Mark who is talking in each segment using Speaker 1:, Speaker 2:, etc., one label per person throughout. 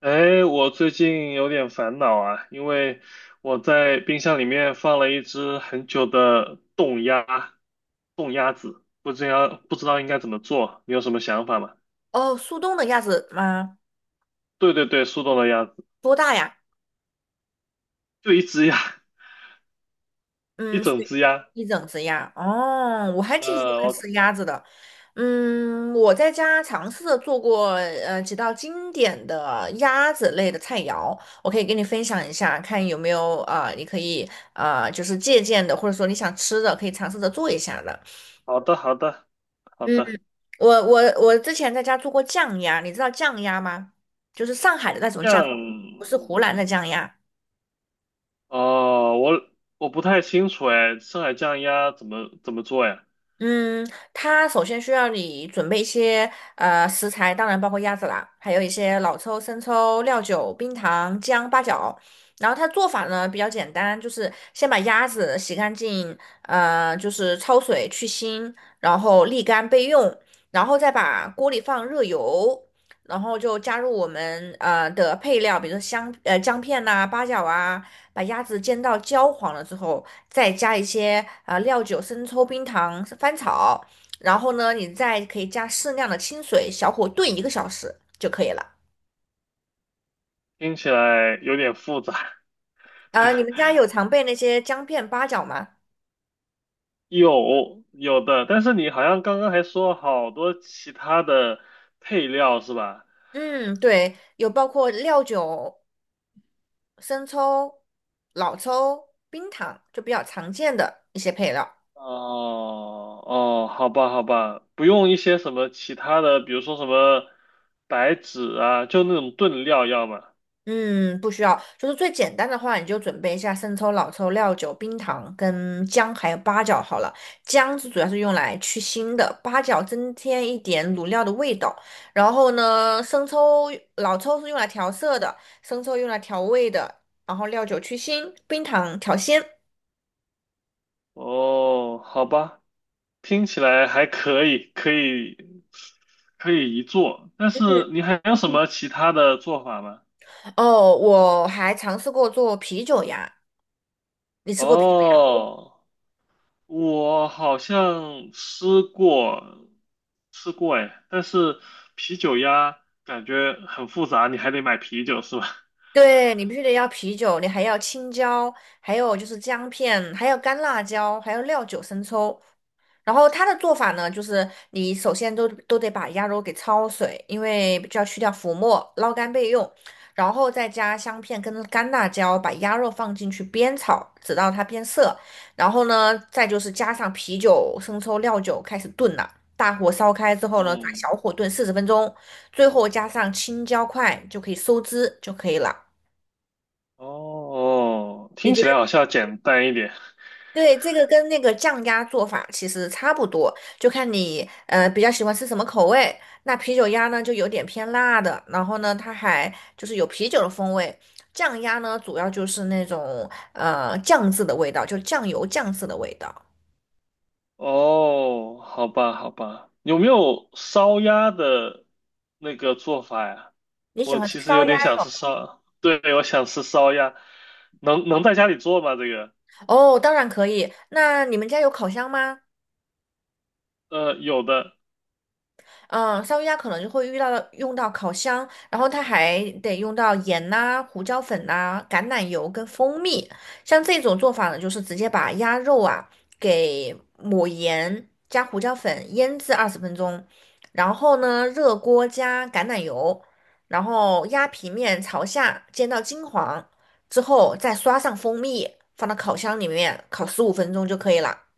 Speaker 1: 哎，我最近有点烦恼啊，因为我在冰箱里面放了一只很久的冻鸭，冻鸭子，不知道应该怎么做，你有什么想法吗？
Speaker 2: 哦，速冻的鸭子吗？
Speaker 1: 对对对，速冻的鸭子，
Speaker 2: 多大呀？
Speaker 1: 就一只鸭，一
Speaker 2: 嗯，所
Speaker 1: 整
Speaker 2: 以
Speaker 1: 只鸭。
Speaker 2: 一整只鸭。哦，我还挺喜欢
Speaker 1: 我
Speaker 2: 吃鸭子的。嗯，我在家尝试着做过几道经典的鸭子类的菜肴，我可以跟你分享一下，看有没有啊、你可以啊就是借鉴的，或者说你想吃的，可以尝试着做一下的。
Speaker 1: 好的好的好
Speaker 2: 嗯，
Speaker 1: 的，
Speaker 2: 我之前在家做过酱鸭，你知道酱鸭吗？就是上海的那种
Speaker 1: 这
Speaker 2: 酱，
Speaker 1: 样，
Speaker 2: 不是湖南的酱鸭。
Speaker 1: 哦，我不太清楚哎，上海酱鸭怎么做呀？
Speaker 2: 嗯，它首先需要你准备一些食材，当然包括鸭子啦，还有一些老抽、生抽、料酒、冰糖、姜、八角。然后它做法呢比较简单，就是先把鸭子洗干净，就是焯水去腥，然后沥干备用，然后再把锅里放热油，然后就加入我们的配料，比如说姜片呐、八角啊，把鸭子煎到焦黄了之后。再加一些料酒、生抽、冰糖、翻炒，然后呢，你再可以加适量的清水，小火炖一个小时就可以了。
Speaker 1: 听起来有点复杂。
Speaker 2: 啊、你们 家有常备那些姜片、八角吗？
Speaker 1: 有的，但是你好像刚刚还说好多其他的配料是吧？
Speaker 2: 嗯，对，有包括料酒、生抽、老抽、冰糖，就比较常见的一些配料。
Speaker 1: 哦哦，好吧好吧，不用一些什么其他的，比如说什么白芷啊，就那种炖料要吗？
Speaker 2: 嗯，不需要，就是最简单的话，你就准备一下生抽、老抽、料酒、冰糖跟姜，还有八角好了。姜是主要是用来去腥的，八角增添一点卤料的味道。然后呢，生抽、老抽是用来调色的，生抽用来调味的，然后料酒去腥，冰糖调鲜。
Speaker 1: 哦，好吧，听起来还可以，可以一做，但
Speaker 2: 嗯
Speaker 1: 是你还有什么其他的做法吗？
Speaker 2: 哦，我还尝试过做啤酒呀，你吃过啤酒
Speaker 1: 哦。我好像吃过，吃过哎，但是啤酒鸭感觉很复杂，你还得买啤酒是吧？
Speaker 2: 对，你必须得要啤酒，你还要青椒，还有就是姜片，还有干辣椒，还有料酒、生抽。然后它的做法呢，就是你首先都得把鸭肉给焯水，因为就要去掉浮沫，捞干备用。然后再加香片跟干辣椒，把鸭肉放进去煸炒，直到它变色。然后呢，再就是加上啤酒、生抽、料酒开始炖了。大火烧开之后呢，转
Speaker 1: 嗯，
Speaker 2: 小火炖四十分钟，最后加上青椒块就可以收汁就可以了。
Speaker 1: 哦，听起来好像要简单一点。
Speaker 2: 对，这个跟那个酱鸭做法其实差不多，就看你比较喜欢吃什么口味。那啤酒鸭呢，就有点偏辣的，然后呢，它还就是有啤酒的风味。酱鸭呢，主要就是那种酱渍的味道，就酱油酱渍的味道。
Speaker 1: 哦，好吧，好吧，有没有烧鸭的那个做法呀？
Speaker 2: 你喜
Speaker 1: 我
Speaker 2: 欢吃
Speaker 1: 其实
Speaker 2: 烧
Speaker 1: 有
Speaker 2: 鸭？
Speaker 1: 点想吃烧，对，我想吃烧鸭，能在家里做吗？这个，
Speaker 2: 哦，当然可以。那你们家有烤箱吗？
Speaker 1: 有的，
Speaker 2: 嗯，烧鱼鸭可能就会遇到用到烤箱，然后它还得用到盐呐、胡椒粉呐、橄榄油跟蜂蜜。像这种做法呢，就是直接把鸭肉啊给抹盐加胡椒粉腌制20分钟，然后呢热锅加橄榄油，然后鸭皮面朝下煎到金黄之后，再刷上蜂蜜，放到烤箱里面烤15分钟就可以了。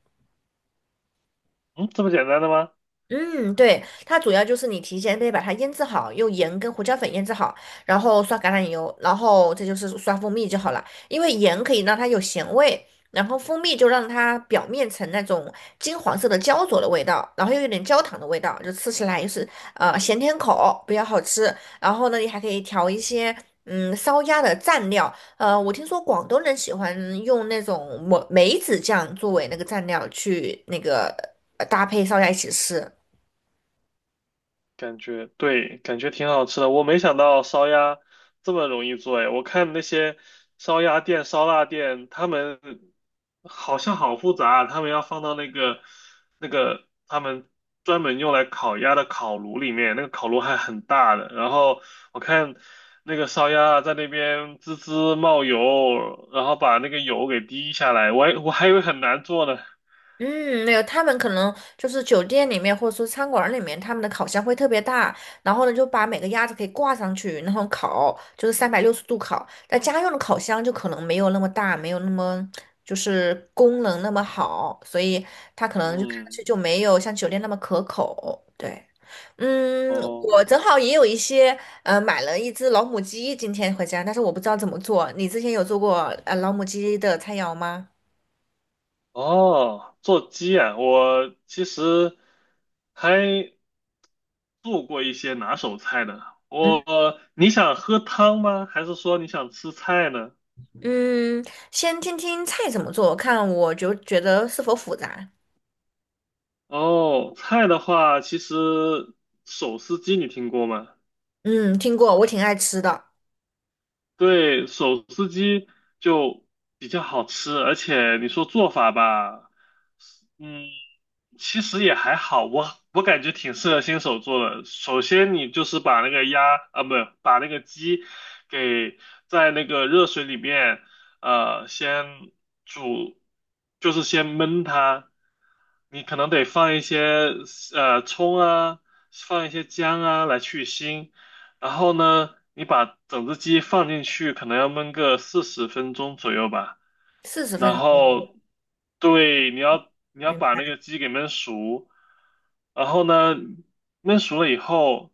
Speaker 1: 嗯，这么简单的吗？
Speaker 2: 嗯，对，它主要就是你提前得把它腌制好，用盐跟胡椒粉腌制好，然后刷橄榄油，然后这就是刷蜂蜜就好了。因为盐可以让它有咸味，然后蜂蜜就让它表面呈那种金黄色的焦灼的味道，然后又有点焦糖的味道，就吃起来就是咸甜口，比较好吃。然后呢，你还可以调一些烧鸭的蘸料，我听说广东人喜欢用那种梅子酱作为那个蘸料去那个搭配烧鸭一起吃。
Speaker 1: 感觉对，感觉挺好吃的。我没想到烧鸭这么容易做哎，我看那些烧鸭店、烧腊店，他们好像好复杂啊，他们要放到那个那个他们专门用来烤鸭的烤炉里面，那个烤炉还很大的。然后我看那个烧鸭在那边滋滋冒油，然后把那个油给滴下来，我还以为很难做呢。
Speaker 2: 嗯，没有，他们可能就是酒店里面或者说餐馆里面，他们的烤箱会特别大，然后呢就把每个鸭子可以挂上去，然后烤，就是360度烤。但家用的烤箱就可能没有那么大，没有那么就是功能那么好，所以它可能就看上去
Speaker 1: 嗯，
Speaker 2: 就没有像酒店那么可口。对，嗯，我
Speaker 1: 哦。
Speaker 2: 正好也有一些买了一只老母鸡今天回家，但是我不知道怎么做。你之前有做过老母鸡的菜肴吗？
Speaker 1: 哦，做鸡啊，我其实还做过一些拿手菜的。
Speaker 2: 嗯。
Speaker 1: 我，你想喝汤吗？还是说你想吃菜呢？
Speaker 2: 嗯，先听听菜怎么做，看我就觉得是否复杂。
Speaker 1: 哦，菜的话，其实手撕鸡你听过吗？
Speaker 2: 嗯，听过，我挺爱吃的，
Speaker 1: 对，手撕鸡就比较好吃，而且你说做法吧，嗯，其实也还好，我感觉挺适合新手做的。首先，你就是把那个鸭啊，不，把那个鸡给在那个热水里面，先煮，就是先焖它。你可能得放一些葱啊，放一些姜啊来去腥。然后呢，你把整只鸡放进去，可能要焖个40分钟左右吧。
Speaker 2: 四十
Speaker 1: 然
Speaker 2: 分钟，
Speaker 1: 后，对，你要
Speaker 2: 明
Speaker 1: 把那
Speaker 2: 白。
Speaker 1: 个鸡给焖熟。然后呢，焖熟了以后，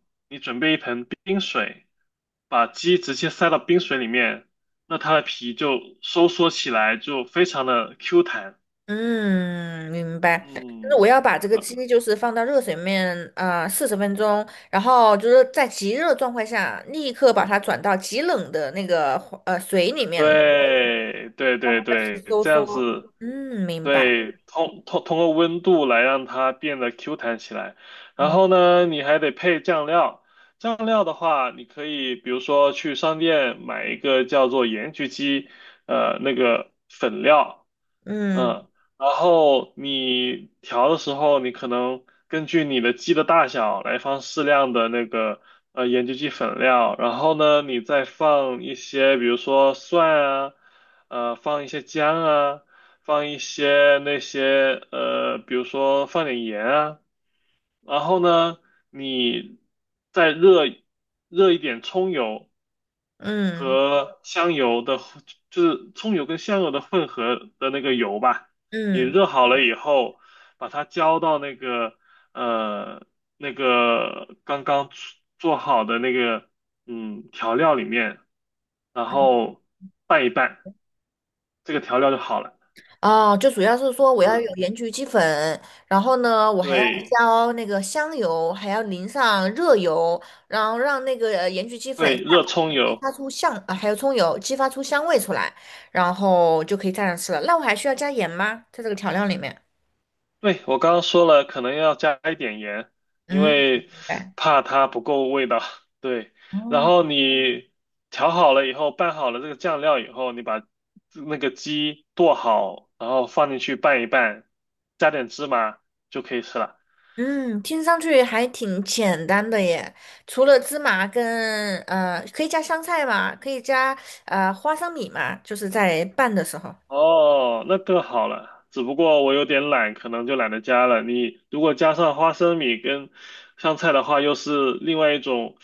Speaker 1: 冰水，把鸡直接塞到冰水里面，那它的皮就收缩起来，就非常的 Q 弹。
Speaker 2: 嗯，明白。但是
Speaker 1: 嗯，
Speaker 2: 我要把这个鸡就是放到热水面啊四十分钟，然后就是在极热状态下，立刻把它转到极冷的那个水里面了，
Speaker 1: 对对
Speaker 2: 让
Speaker 1: 对
Speaker 2: 它的
Speaker 1: 对，
Speaker 2: 皮收
Speaker 1: 这样
Speaker 2: 缩。
Speaker 1: 子，
Speaker 2: 嗯，明白。
Speaker 1: 对，通过温度来让它变得 Q 弹起来。然
Speaker 2: 嗯
Speaker 1: 后呢，你还得配酱料。酱料的话，你可以比如说去商店买一个叫做盐焗鸡，那个粉料，
Speaker 2: 嗯
Speaker 1: 嗯，然后你调的时候，你可能根据你的鸡的大小来放适量的那个盐焗鸡粉料，然后呢，你再放一些，比如说蒜啊，放一些姜啊，放一些那些比如说放点盐啊，然后呢，你再热一点葱油，
Speaker 2: 嗯
Speaker 1: 和香油的就是葱油跟香油的混合的那个油吧。你
Speaker 2: 嗯，
Speaker 1: 热好了以后，把它浇到那个呃那个刚刚做好的那个嗯调料里面，然后拌一拌，这个调料就好了。
Speaker 2: 哦，就主要是说我要
Speaker 1: 嗯，
Speaker 2: 有盐焗鸡粉，然后呢，我还要
Speaker 1: 对
Speaker 2: 浇那个香油，还要淋上热油，然后让那个盐焗鸡粉
Speaker 1: 对，
Speaker 2: 散
Speaker 1: 热
Speaker 2: 发
Speaker 1: 葱
Speaker 2: 激
Speaker 1: 油。
Speaker 2: 发出香，啊，还有葱油激发出香味出来，然后就可以蘸着吃了。那我还需要加盐吗？在这个调料里面？
Speaker 1: 对，我刚刚说了，可能要加一点盐，因
Speaker 2: 嗯，
Speaker 1: 为
Speaker 2: 明白。
Speaker 1: 怕它不够味道。对，然
Speaker 2: 哦，
Speaker 1: 后你调好了以后，拌好了这个酱料以后，你把那个鸡剁好，然后放进去拌一拌，加点芝麻就可以吃了。
Speaker 2: 嗯，听上去还挺简单的耶。除了芝麻跟可以加香菜吗？可以加花生米嘛？就是在拌的时候。
Speaker 1: 哦，那更好了。只不过我有点懒，可能就懒得加了。你如果加上花生米跟香菜的话，又是另外一种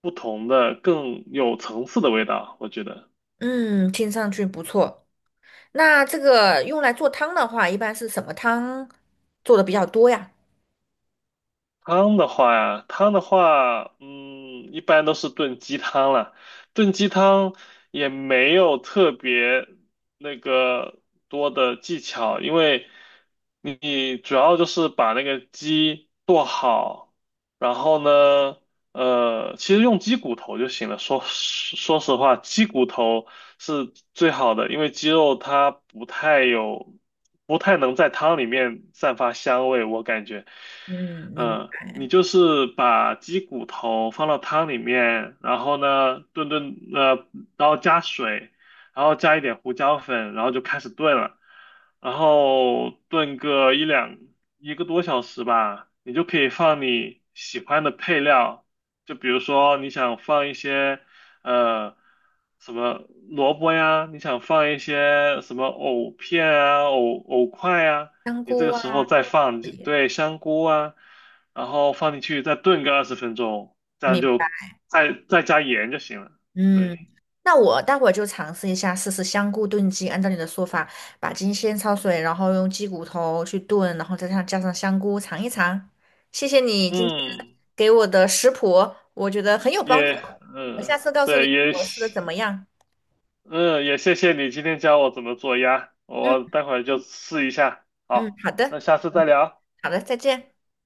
Speaker 1: 不同的、更有层次的味道，我觉得。
Speaker 2: 嗯，听上去不错。那这个用来做汤的话，一般是什么汤做的比较多呀？
Speaker 1: 汤的话呀，汤的话，嗯，一般都是炖鸡汤了。炖鸡汤也没有特别那个多的技巧，因为你主要就是把那个鸡剁好，然后呢，其实用鸡骨头就行了。说实话，鸡骨头是最好的，因为鸡肉它不太有，不太能在汤里面散发香味，我感觉。
Speaker 2: 嗯，明
Speaker 1: 嗯，
Speaker 2: 白。
Speaker 1: 你就是把鸡骨头放到汤里面，然后呢炖，然后加水，然后加一点胡椒粉，然后就开始炖了，然后炖个一个多小时吧，你就可以放你喜欢的配料，就比如说你想放一些呃什么萝卜呀，你想放一些什么藕片啊、藕块啊，
Speaker 2: 香
Speaker 1: 你这
Speaker 2: 菇
Speaker 1: 个时候
Speaker 2: 啊，
Speaker 1: 再放，对，香菇啊。然后放进去再炖个20分钟，这样
Speaker 2: 明
Speaker 1: 就
Speaker 2: 白。
Speaker 1: 再加盐就行了。
Speaker 2: 嗯，
Speaker 1: 对，
Speaker 2: 那我待会儿就尝试一下，试试香菇炖鸡。按照你的说法，把鸡先焯水，然后用鸡骨头去炖，然后再上加上香菇尝一尝。谢谢你今天
Speaker 1: 嗯，
Speaker 2: 给我的食谱，我觉得很有帮助。
Speaker 1: 也
Speaker 2: 我
Speaker 1: 嗯，
Speaker 2: 下次告诉你
Speaker 1: 对，也
Speaker 2: 我试的怎
Speaker 1: 谢
Speaker 2: 么样。
Speaker 1: 嗯也谢谢你今天教我怎么做鸭，
Speaker 2: 嗯
Speaker 1: 我待会儿就试一下。
Speaker 2: 嗯，
Speaker 1: 好，
Speaker 2: 好的
Speaker 1: 那下次再聊。
Speaker 2: 好的，再见。